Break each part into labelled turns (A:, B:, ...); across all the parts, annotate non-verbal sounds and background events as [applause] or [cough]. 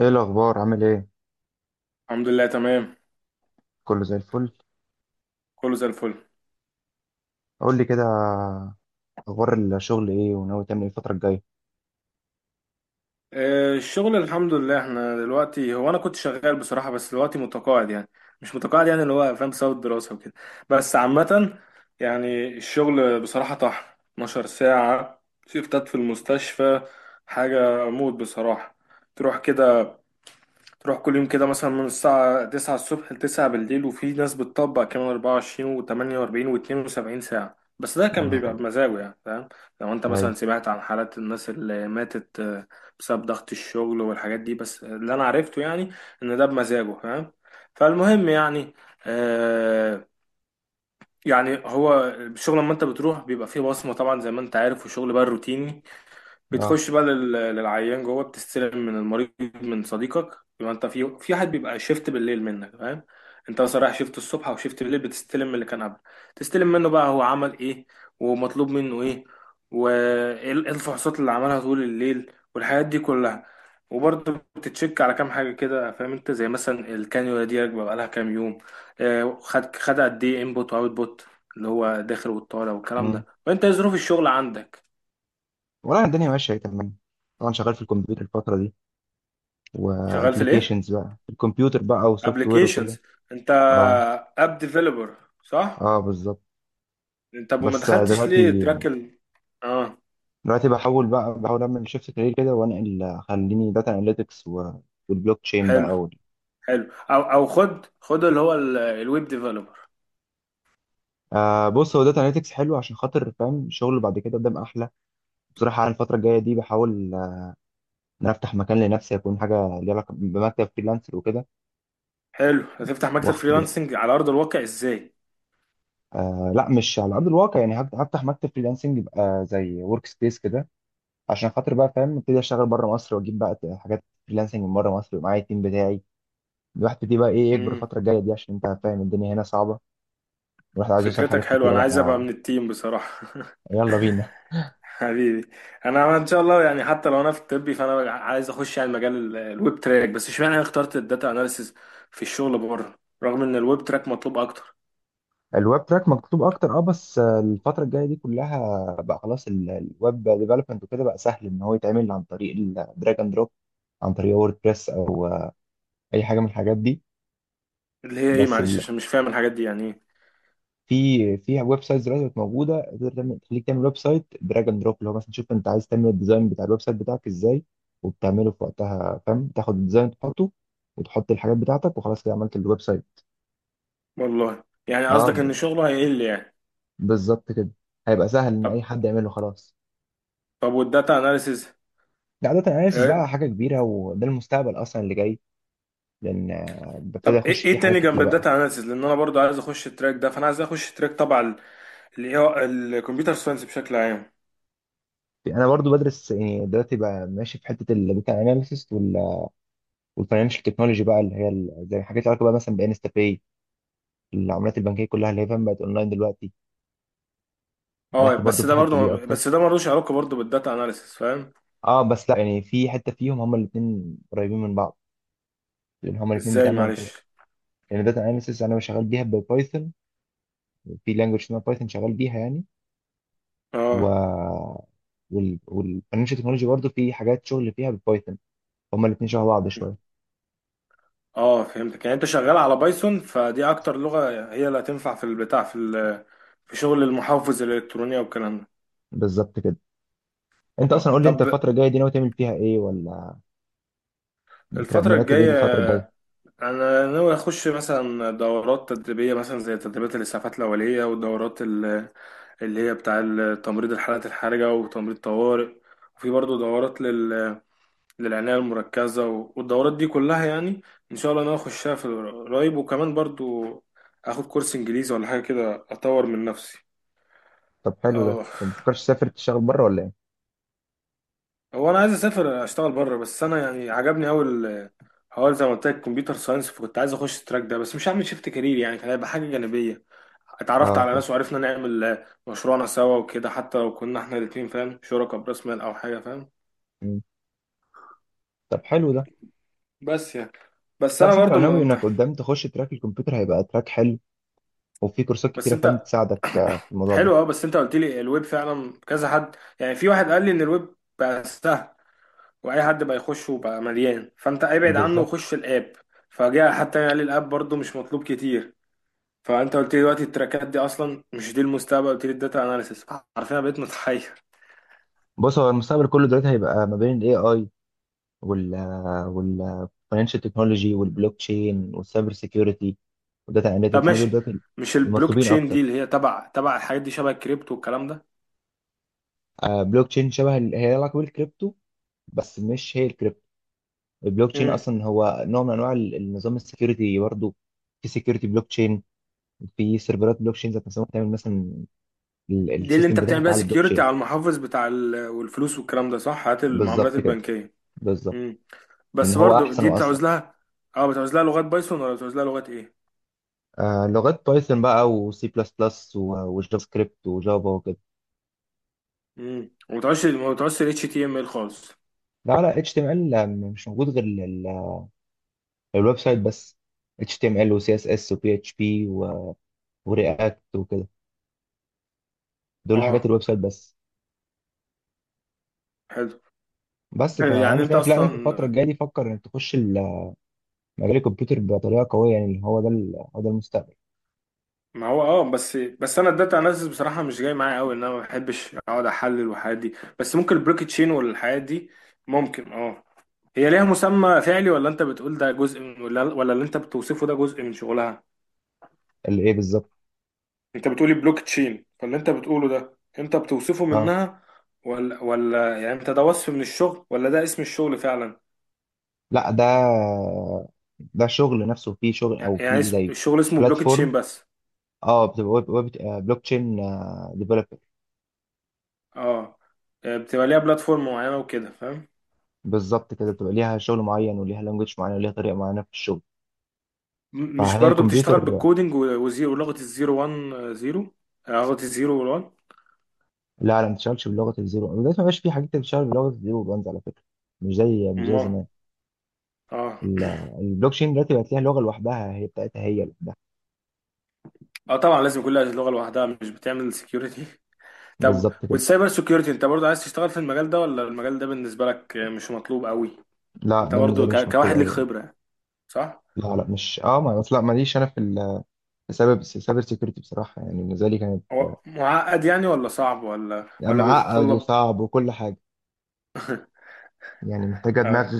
A: ايه الاخبار عامل ايه؟
B: الحمد لله تمام.
A: كله زي الفل.
B: كله زي الفل.
A: قول لي كده، اخبار الشغل ايه وناوي تعمل ايه الفتره الجايه؟
B: الشغل الحمد لله، احنا دلوقتي، هو انا كنت شغال بصراحة، بس دلوقتي متقاعد يعني. مش متقاعد يعني، اللي هو فاهم، بسبب الدراسة وكده. بس عامة يعني الشغل بصراحة طحن. 12 ساعة شيفتات في المستشفى. حاجة موت بصراحة. تروح كده، تروح كل يوم كده مثلا من الساعة 9 الصبح ل 9 بالليل، وفي ناس بتطبق كمان 24 و48 و72 ساعة. بس ده
A: يا
B: كان
A: نهار
B: بيبقى
A: أبيض.
B: بمزاجه يعني، فاهم؟ لو انت
A: ايوه.
B: مثلا سمعت عن حالات الناس اللي ماتت، بسبب ضغط الشغل والحاجات دي. بس اللي انا عرفته يعني ان ده بمزاجه، فاهم. فالمهم يعني، آه يعني هو الشغل لما انت بتروح بيبقى فيه بصمة طبعا، زي ما انت عارف. وشغل بقى روتيني،
A: اه.
B: بتخش بقى للعيان جوه، بتستلم من المريض، من صديقك. يبقى انت في حد بيبقى شيفت بالليل منك، فاهم؟ انت مثلا رايح شيفت الصبح او شيفت بالليل، بتستلم من اللي كان قبل. تستلم منه بقى هو عمل ايه، ومطلوب منه ايه، وايه إيه الفحوصات اللي عملها طول الليل والحاجات دي كلها. وبرضه بتتشك على كام حاجة كده، فاهم انت، زي مثلا الكانيولا دي راكبة بقالها كام يوم. خد خد قد ايه انبوت واوت بوت، اللي هو داخل والطالع والكلام
A: امم
B: ده. وانت إيه ظروف الشغل عندك؟
A: والله الدنيا ماشيه اهي تمام. طبعا شغال في الكمبيوتر الفتره دي،
B: شغال في الايه؟
A: وابلكيشنز بقى في الكمبيوتر بقى وسوفت وير وكده.
B: ابلكيشنز؟ انت
A: اه.
B: اب ديفلوبر، صح؟
A: اه بالظبط.
B: انت أبو، ما
A: بس
B: دخلتش ليه
A: دلوقتي
B: تراك اه؟
A: دلوقتي بحاول بقى، بحاول اعمل شيفت كارير كده وانقل خليني داتا اناليتكس والبلوك تشين بقى
B: حلو، حلو. او خد خد اللي هو الويب ديفلوبر.
A: آه بص، هو داتا اناليتكس حلو عشان خاطر فاهم الشغل بعد كده قدام احلى. بصراحه أنا الفتره الجايه دي بحاول ان انا افتح مكان لنفسي يكون حاجه ليها علاقه بمكتب فريلانسر وكده.
B: حلو، هتفتح مكتب
A: واخد،
B: فريلانسنج على ارض الواقع ازاي؟
A: آه لا مش على ارض الواقع، يعني هفتح مكتب فريلانسنج يبقى زي ورك سبيس كده، عشان خاطر بقى فاهم ابتدي اشتغل بره مصر واجيب بقى حاجات فريلانسنج من بره مصر ومعايا التيم بتاعي. الواحد بيبتدي بقى ايه، يكبر
B: امم
A: الفتره الجايه دي، عشان انت فاهم الدنيا هنا صعبه، والواحد عايز يوصل
B: فكرتك
A: لحاجات
B: حلوه،
A: كتيره
B: انا عايز ابقى
A: بقى.
B: من التيم بصراحه.
A: يلا بينا.
B: [laughs] حبيبي. انا ان شاء الله يعني، حتى لو انا في الطبي، فانا عايز اخش يعني مجال الويب تراك. بس اشمعنى انا اخترت الداتا اناليسيز في الشغل بره، رغم ان الويب تراك مطلوب اكتر.
A: الويب تراك مكتوب اكتر، اه، بس الفتره الجايه دي كلها بقى خلاص الويب ديفلوبمنت وكده بقى سهل ان هو يتعمل عن طريق الدراج اند دروب، عن طريق ووردبريس او اي حاجه من الحاجات دي.
B: اللي هي ايه؟
A: بس
B: معلش،
A: ال...
B: عشان مش فاهم الحاجات دي يعني ايه.
A: في ويب سايتس دلوقتي بقت موجوده، تقدر تعمل، تخليك تعمل ويب سايت دراج اند دروب، اللي هو مثلا تشوف انت عايز تعمل الديزاين بتاع الويب سايت بتاعك ازاي، وبتعمله في وقتها فاهم، تاخد الديزاين تحطه وتحط الحاجات بتاعتك وخلاص كده عملت الويب سايت.
B: والله يعني،
A: اه
B: قصدك
A: ب-
B: ان شغله هيقل يعني؟
A: بالظبط كده، هيبقى سهل ان اي
B: طب.
A: حد يعمله خلاص.
B: طب والداتا اناليسيز؟
A: ده عاده اناليسيس
B: إيه؟
A: بقى حاجه كبيره، وده المستقبل اصلا اللي جاي. لان ببتدي
B: طب
A: اخش
B: ايه،
A: فيه حاجات
B: تاني جنب
A: كتير بقى.
B: الداتا اناليسيز، لان انا برضو عايز اخش التراك ده. فانا عايز اخش تراك طبعا الكمبيوتر ساينس بشكل عام.
A: انا برضو بدرس يعني دلوقتي بقى ماشي في حته الداتا اناليسيس والفاينانشال تكنولوجي بقى، اللي هي زي حاجات علاقه بقى مثلا بانستا باي، العملات البنكيه كلها اللي هي فاهم بقت اونلاين دلوقتي.
B: اه،
A: داخل برضو في الحته دي اكتر.
B: بس ده ملوش علاقه برضو بالداتا اناليسيز، فاهم.
A: اه بس لا، يعني في حته فيهم هما الاثنين قريبين من بعض، لان هما الاثنين
B: ازاي؟
A: بيتعملوا عن طريق،
B: معلش.
A: يعني داتا اناليسيس انا شغال بيها ببايثون، في لانجوج اسمها بايثون شغال بيها يعني،
B: اه،
A: و والفاينانشال تكنولوجي برضو في حاجات شغل فيها ببايثون. هما الاثنين شبه بعض شويه.
B: اه، فهمتك. يعني انت شغال على بايثون، فدي اكتر لغه هي اللي هتنفع في البتاع، في في شغل المحافظ الالكترونيه والكلام ده.
A: بالظبط كده. انت
B: اه،
A: اصلا قول لي
B: طب.
A: انت الفتره الجايه دي ناوي تعمل فيها ايه، ولا
B: الفتره
A: مرتب ايه
B: الجايه
A: الفتره الجايه؟
B: انا ناوي اخش مثلا دورات تدريبيه، مثلا زي تدريبات الاسعافات الاوليه، والدورات اللي هي بتاع تمريض الحالات الحرجه وتمريض طوارئ. وفي برضه دورات للعنايه المركزه والدورات دي كلها يعني، ان شاء الله انا اخشها في قريب. وكمان برضه اخد كورس انجليزي ولا حاجه كده، اطور من نفسي.
A: طب حلو ده،
B: اه.
A: طب ما تفكرش تسافر تشتغل بره ولا؟
B: هو انا عايز اسافر اشتغل بره، بس انا يعني عجبني قوي. هو زي ما قلت لك كمبيوتر ساينس، فكنت عايز اخش التراك ده، بس مش هعمل شيفت كارير يعني، كان هيبقى حاجه جانبيه. اتعرفت
A: اه
B: على
A: فاهم.
B: ناس وعرفنا نعمل، مشروعنا سوا وكده، حتى لو كنا احنا الاتنين فاهم، شركاء براس مال او حاجه، فاهم.
A: مم. طب حلو ده.
B: بس يعني، بس
A: لا
B: انا
A: بس انت لو
B: برضو ما
A: ناوي انك
B: ما-
A: قدام تخش تراك الكمبيوتر هيبقى تراك حلو، وفي كورسات
B: بس
A: كتيره فاهم
B: انت.
A: تساعدك
B: [coughs]
A: في الموضوع ده.
B: حلو، اه، بس انت قلت لي الويب فعلا كذا حد، يعني في واحد قال لي ان الويب بقى سهل واي حد بقى يخش، وبقى مليان، فانت ابعد عنه
A: بالظبط.
B: وخش الاب. فجاء حتى يعني قال لي الاب برضو مش مطلوب كتير. فانت قلت لي دلوقتي التراكات دي اصلا مش دي المستقبل، قلت لي الداتا اناليسيس. عارفين، انا بقيت متحير.
A: بص هو المستقبل كله دلوقتي هيبقى ما بين الاي اي وال وال financial تكنولوجي والبلوك تشين والسايبر سيكيورتي والداتا
B: طب،
A: اناليتكس. ما دول
B: ماشي.
A: دلوقتي
B: مش البلوك
A: المطلوبين
B: تشين دي
A: اكتر.
B: اللي هي تبع الحاجات دي، شبه الكريبتو والكلام ده؟
A: آه، بلوك تشين شبه هي لها علاقه بالكريبتو، بس مش هي الكريبتو. البلوك تشين
B: امم
A: اصلا هو نوع من انواع النظام السكيورتي برضه. في سكيورتي بلوك تشين، في سيرفرات بلوك تشين ذات نفسها ممكن تعمل مثلا
B: دي اللي
A: السيستم
B: انت بتعمل
A: بتاعك
B: بيها
A: على البلوك
B: سكيورتي
A: تشين.
B: على المحافظ بتاع والفلوس والكلام ده، صح؟ هات المعاملات
A: بالظبط كده،
B: البنكيه.
A: بالظبط.
B: امم
A: لان
B: بس
A: هو
B: برضو
A: احسن
B: دي
A: واسرع.
B: بتعوز لها. اه، بتعوز لها لغات بايثون ولا بتعوز لها لغات ايه؟
A: آه لغات بايثون بقى وسي بلس بلس وجافا سكريبت وجافا وكده.
B: وما بتعوزش، ما بتعوزش ال HTML خالص؟
A: لا لا، اتش تي ام ال مش موجود غير ال- الويب سايت بس. اتش تي ام ال وسي اس اس وبي اتش بي ورياكت وكده، دول حاجات
B: اه،
A: الويب سايت بس.
B: حلو.
A: بس
B: حلو. يعني
A: فانا
B: انت
A: شايف لا، انت الفتره
B: اصلا.
A: الجايه دي فكر انك تخش مجال الكمبيوتر بطريقه قويه، يعني هو ده هو ده المستقبل.
B: ما هو اه، بس انا الداتا اناليسيس بصراحه مش جاي معايا قوي، ان انا ما بحبش اقعد احلل والحاجات دي. بس ممكن البلوك تشين والحاجات دي ممكن. اه، هي ليها مسمى فعلي ولا انت بتقول ده جزء من؟ ولا اللي انت بتوصفه ده جزء من شغلها؟
A: اللي ايه بالظبط؟
B: انت بتقولي بلوك تشين، فاللي انت بتقوله ده انت بتوصفه
A: اه
B: منها ولا؟ يعني انت ده وصف من الشغل ولا ده اسم الشغل فعلا؟
A: لا ده، ده شغل نفسه فيه شغل، او
B: يعني
A: فيه زي
B: الشغل اسمه بلوك تشين
A: بلاتفورم.
B: بس؟
A: اه بتبقى ويب، ويب بلوك تشين ديفلوبر.
B: اه. يعني بتبقى ليها بلاتفورم معينه وكده، فاهم.
A: بالظبط كده، بتبقى ليها شغل معين وليها لانجوج معين وليها طريقه معينه في الشغل.
B: مش
A: فهي
B: برضو بتشتغل
A: الكمبيوتر.
B: بالكودينج وزيرو ولغة الزيرو وان، زيرو، لغة الزيرو والوان؟
A: لا لا، ما بتشتغلش بلغه الزيرو دلوقتي، ما بقاش في حاجات بتشتغل بلغه الزيرو وانز على فكره، مش زي
B: ما،
A: زمان.
B: اه.
A: ال- البلوك تشين دلوقتي بقت ليها لغه لوحدها هي بتاعتها هي لوحدها.
B: اه، طبعا لازم كل لغة لوحدها، مش بتعمل سكيورتي. [laughs] طب،
A: بالظبط كده.
B: والسايبر سكيورتي انت برضو عايز تشتغل في المجال ده ولا المجال ده بالنسبة لك مش مطلوب قوي؟
A: لا
B: انت
A: ده بالنسبه
B: برضو
A: لي مش مكتوب
B: كواحد ليك
A: قوي يعني.
B: خبرة، صح؟
A: لا لا مش اه، ما اصل لا ماليش انا في، السبب السايبر سيكيورتي بصراحه يعني بالنسبه لي كان،
B: هو معقد يعني، ولا صعب، ولا
A: لا، معقد
B: بيتطلب
A: وصعب وكل حاجة، يعني محتاجة دماغ،
B: آه،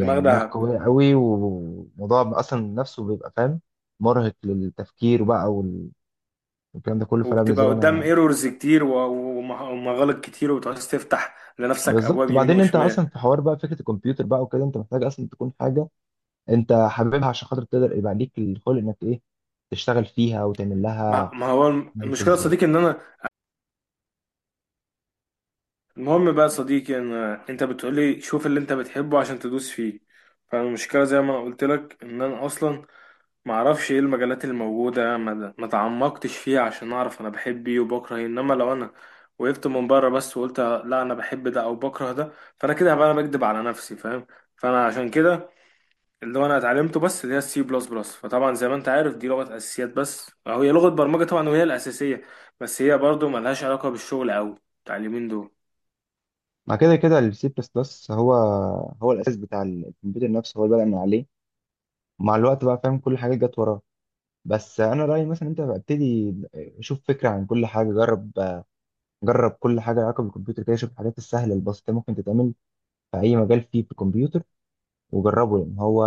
B: دماغ
A: دماغ
B: دهب؟
A: قوية قوي، والموضوع أصلا نفسه بيبقى فاهم مرهق للتفكير بقى والكلام ده كله، فلا بالنسبة
B: وبتبقى
A: لي
B: قدام
A: أنا.
B: ايرورز كتير، ومغالط كتير، وبتعوز تفتح لنفسك
A: بالظبط.
B: ابواب يمين
A: وبعدين أنت أصلا
B: وشمال.
A: في حوار بقى، فكرة الكمبيوتر بقى وكده، أنت محتاج أصلا تكون حاجة أنت حاببها عشان خاطر تقدر يبقى ليك الخلق إنك إيه، تشتغل فيها وتعمل
B: ما
A: لها
B: ما هو المشكله يا
A: أناليسيز.
B: صديقي ان انا، المهم بقى يا صديقي ان، انت بتقولي شوف اللي انت بتحبه عشان تدوس فيه. فالمشكله زي ما انا قلت لك، ان انا اصلا ما اعرفش ايه المجالات اللي موجوده، ما تعمقتش فيها عشان اعرف انا بحب ايه وبكره ايه. انما لو انا وقفت من بره بس وقلت لا انا بحب ده او بكره ده، فانا كده هبقى انا بكدب على نفسي، فاهم. فانا عشان كده، اللي هو انا اتعلمته بس، اللي هي السي بلس بلس، فطبعا زي ما انت عارف دي لغه اساسيات بس، أو هي لغه برمجه طبعا، وهي الاساسيه. بس هي برضو ملهاش علاقه بالشغل قوي بتاع اليومين دول.
A: مع كده كده السي بلس بلس هو، هو الأساس بتاع الكمبيوتر نفسه، هو اللي بدأ من عليه، مع الوقت بقى فاهم كل حاجة جت وراه. بس انا رايي مثلا انت ابتدي، شوف فكره عن كل حاجه، جرب، جرب كل حاجه لها علاقه بالكمبيوتر كده، شوف الحاجات السهله البسيطه ممكن تتعمل في اي مجال فيه في الكمبيوتر، وجربه. لان هو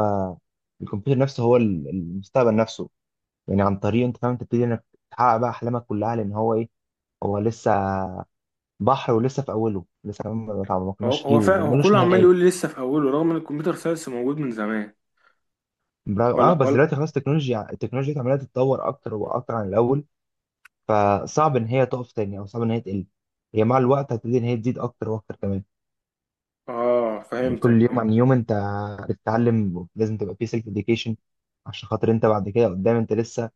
A: الكمبيوتر نفسه هو المستقبل نفسه، يعني عن طريقه انت فاهم تبتدي انك تحقق بقى احلامك كلها، لان هو ايه، هو لسه بحر، ولسه في اوله، لسه كمان ما تعمقناش فيه
B: هو
A: وملوش
B: كله عمال
A: نهايه.
B: يقول لي لسه في اوله، رغم ان الكمبيوتر ساينس موجود من زمان.
A: اه
B: ولا
A: بس
B: ولا
A: دلوقتي خلاص التكنولوجيا، التكنولوجيا عماله تتطور اكتر واكتر عن الاول، فصعب ان هي تقف تاني، او صعب ان هي تقل. هي مع الوقت هتبتدي ان هي تزيد اكتر واكتر كمان،
B: اه، فهمتك،
A: كل يوم
B: فهمت.
A: عن يوم انت بتتعلم، لازم تبقى في سيلف اديوكيشن عشان خاطر انت بعد كده قدام انت لسه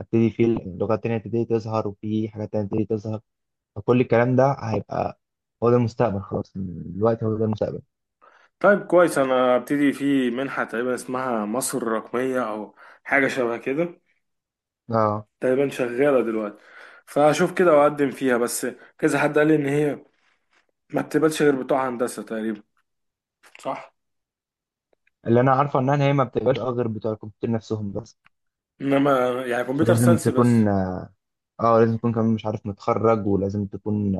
A: هتبتدي في لغات تانية تبتدي تظهر، وفي حاجات تانية تبتدي تظهر، فكل الكلام ده هيبقى، هو ده المستقبل خلاص، الوقت هو ده المستقبل.
B: طيب، كويس. انا ابتدي في منحه تقريبا اسمها مصر الرقميه، او حاجه شبه كده.
A: اه.
B: تقريبا شغاله دلوقتي، فاشوف كده واقدم فيها. بس كذا حد قال لي ان هي ما بتقبلش غير بتوع هندسه تقريبا، صح؟
A: اللي انا عارفه انها هي ما بتبقاش اه غير بتوع الكمبيوتر نفسهم بس.
B: انما يعني كمبيوتر
A: ولازم
B: ساينس بس.
A: تكون اه، لازم تكون كمان مش عارف متخرج، ولازم تكون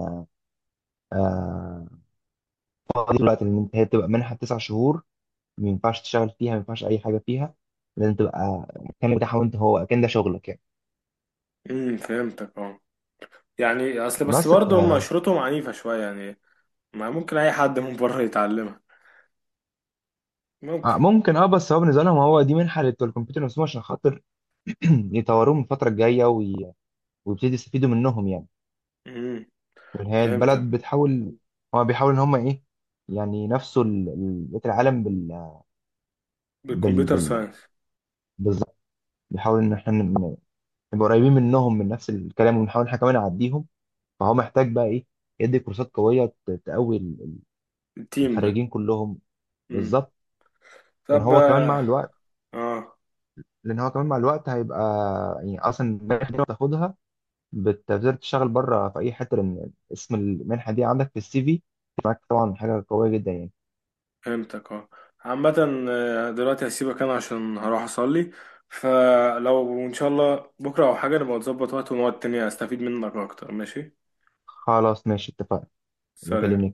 A: آه دي دلوقتي، ان انت هي بتبقى منحه 9 شهور، ما ينفعش تشتغل فيها، ما ينفعش اي حاجه فيها، لازم تبقى مكانك بتاعها وانت هو اكن ده شغلك يعني.
B: فهمتك، اه. يعني اصل بس
A: بس ف
B: برضه هم شروطهم عنيفة شوية يعني. ما ممكن اي حد من بره يتعلمها؟ ممكن.
A: ممكن، اه بس هو بالنسبه لهم هو دي منحه لبتوع الكمبيوتر نفسهم عشان خاطر [clears throat] يطوروهم الفتره الجايه ويبتدي يستفيدوا منهم يعني.
B: امم
A: لأن هي
B: فهمتك.
A: البلد بتحاول، هو بيحاول ان هم ايه، يعني نفسوا بقيه العالم بال بال
B: بالكمبيوتر
A: بال
B: ساينس.
A: بالظبط. بيحاول ان احنا نبقى قريبين منهم من نفس الكلام، ونحاول احنا كمان نعديهم. فهو محتاج بقى ايه، يدي كورسات قويه تقوي
B: التيم ده.
A: الخريجين كلهم.
B: امم.
A: بالظبط. لان
B: طب،
A: هو كمان
B: اه.
A: مع الوقت
B: آه،
A: لان هو كمان مع الوقت هيبقى، يعني اصلا المنحه دي لو بتاخدها بتقدر تشتغل بره في اي حته، لان اسم المنحه دي عندك في CV معاك طبعا حاجه قويه جدا يعني.
B: فهمتك، اه. عامة، دلوقتي هسيبك انا عشان هروح اصلي. فلو ان شاء الله بكرة او حاجة نبقى نظبط وقت ونقعد تاني استفيد منك اكتر، ماشي؟
A: خلاص ماشي اتفقنا.
B: سلام.
A: بكلمني.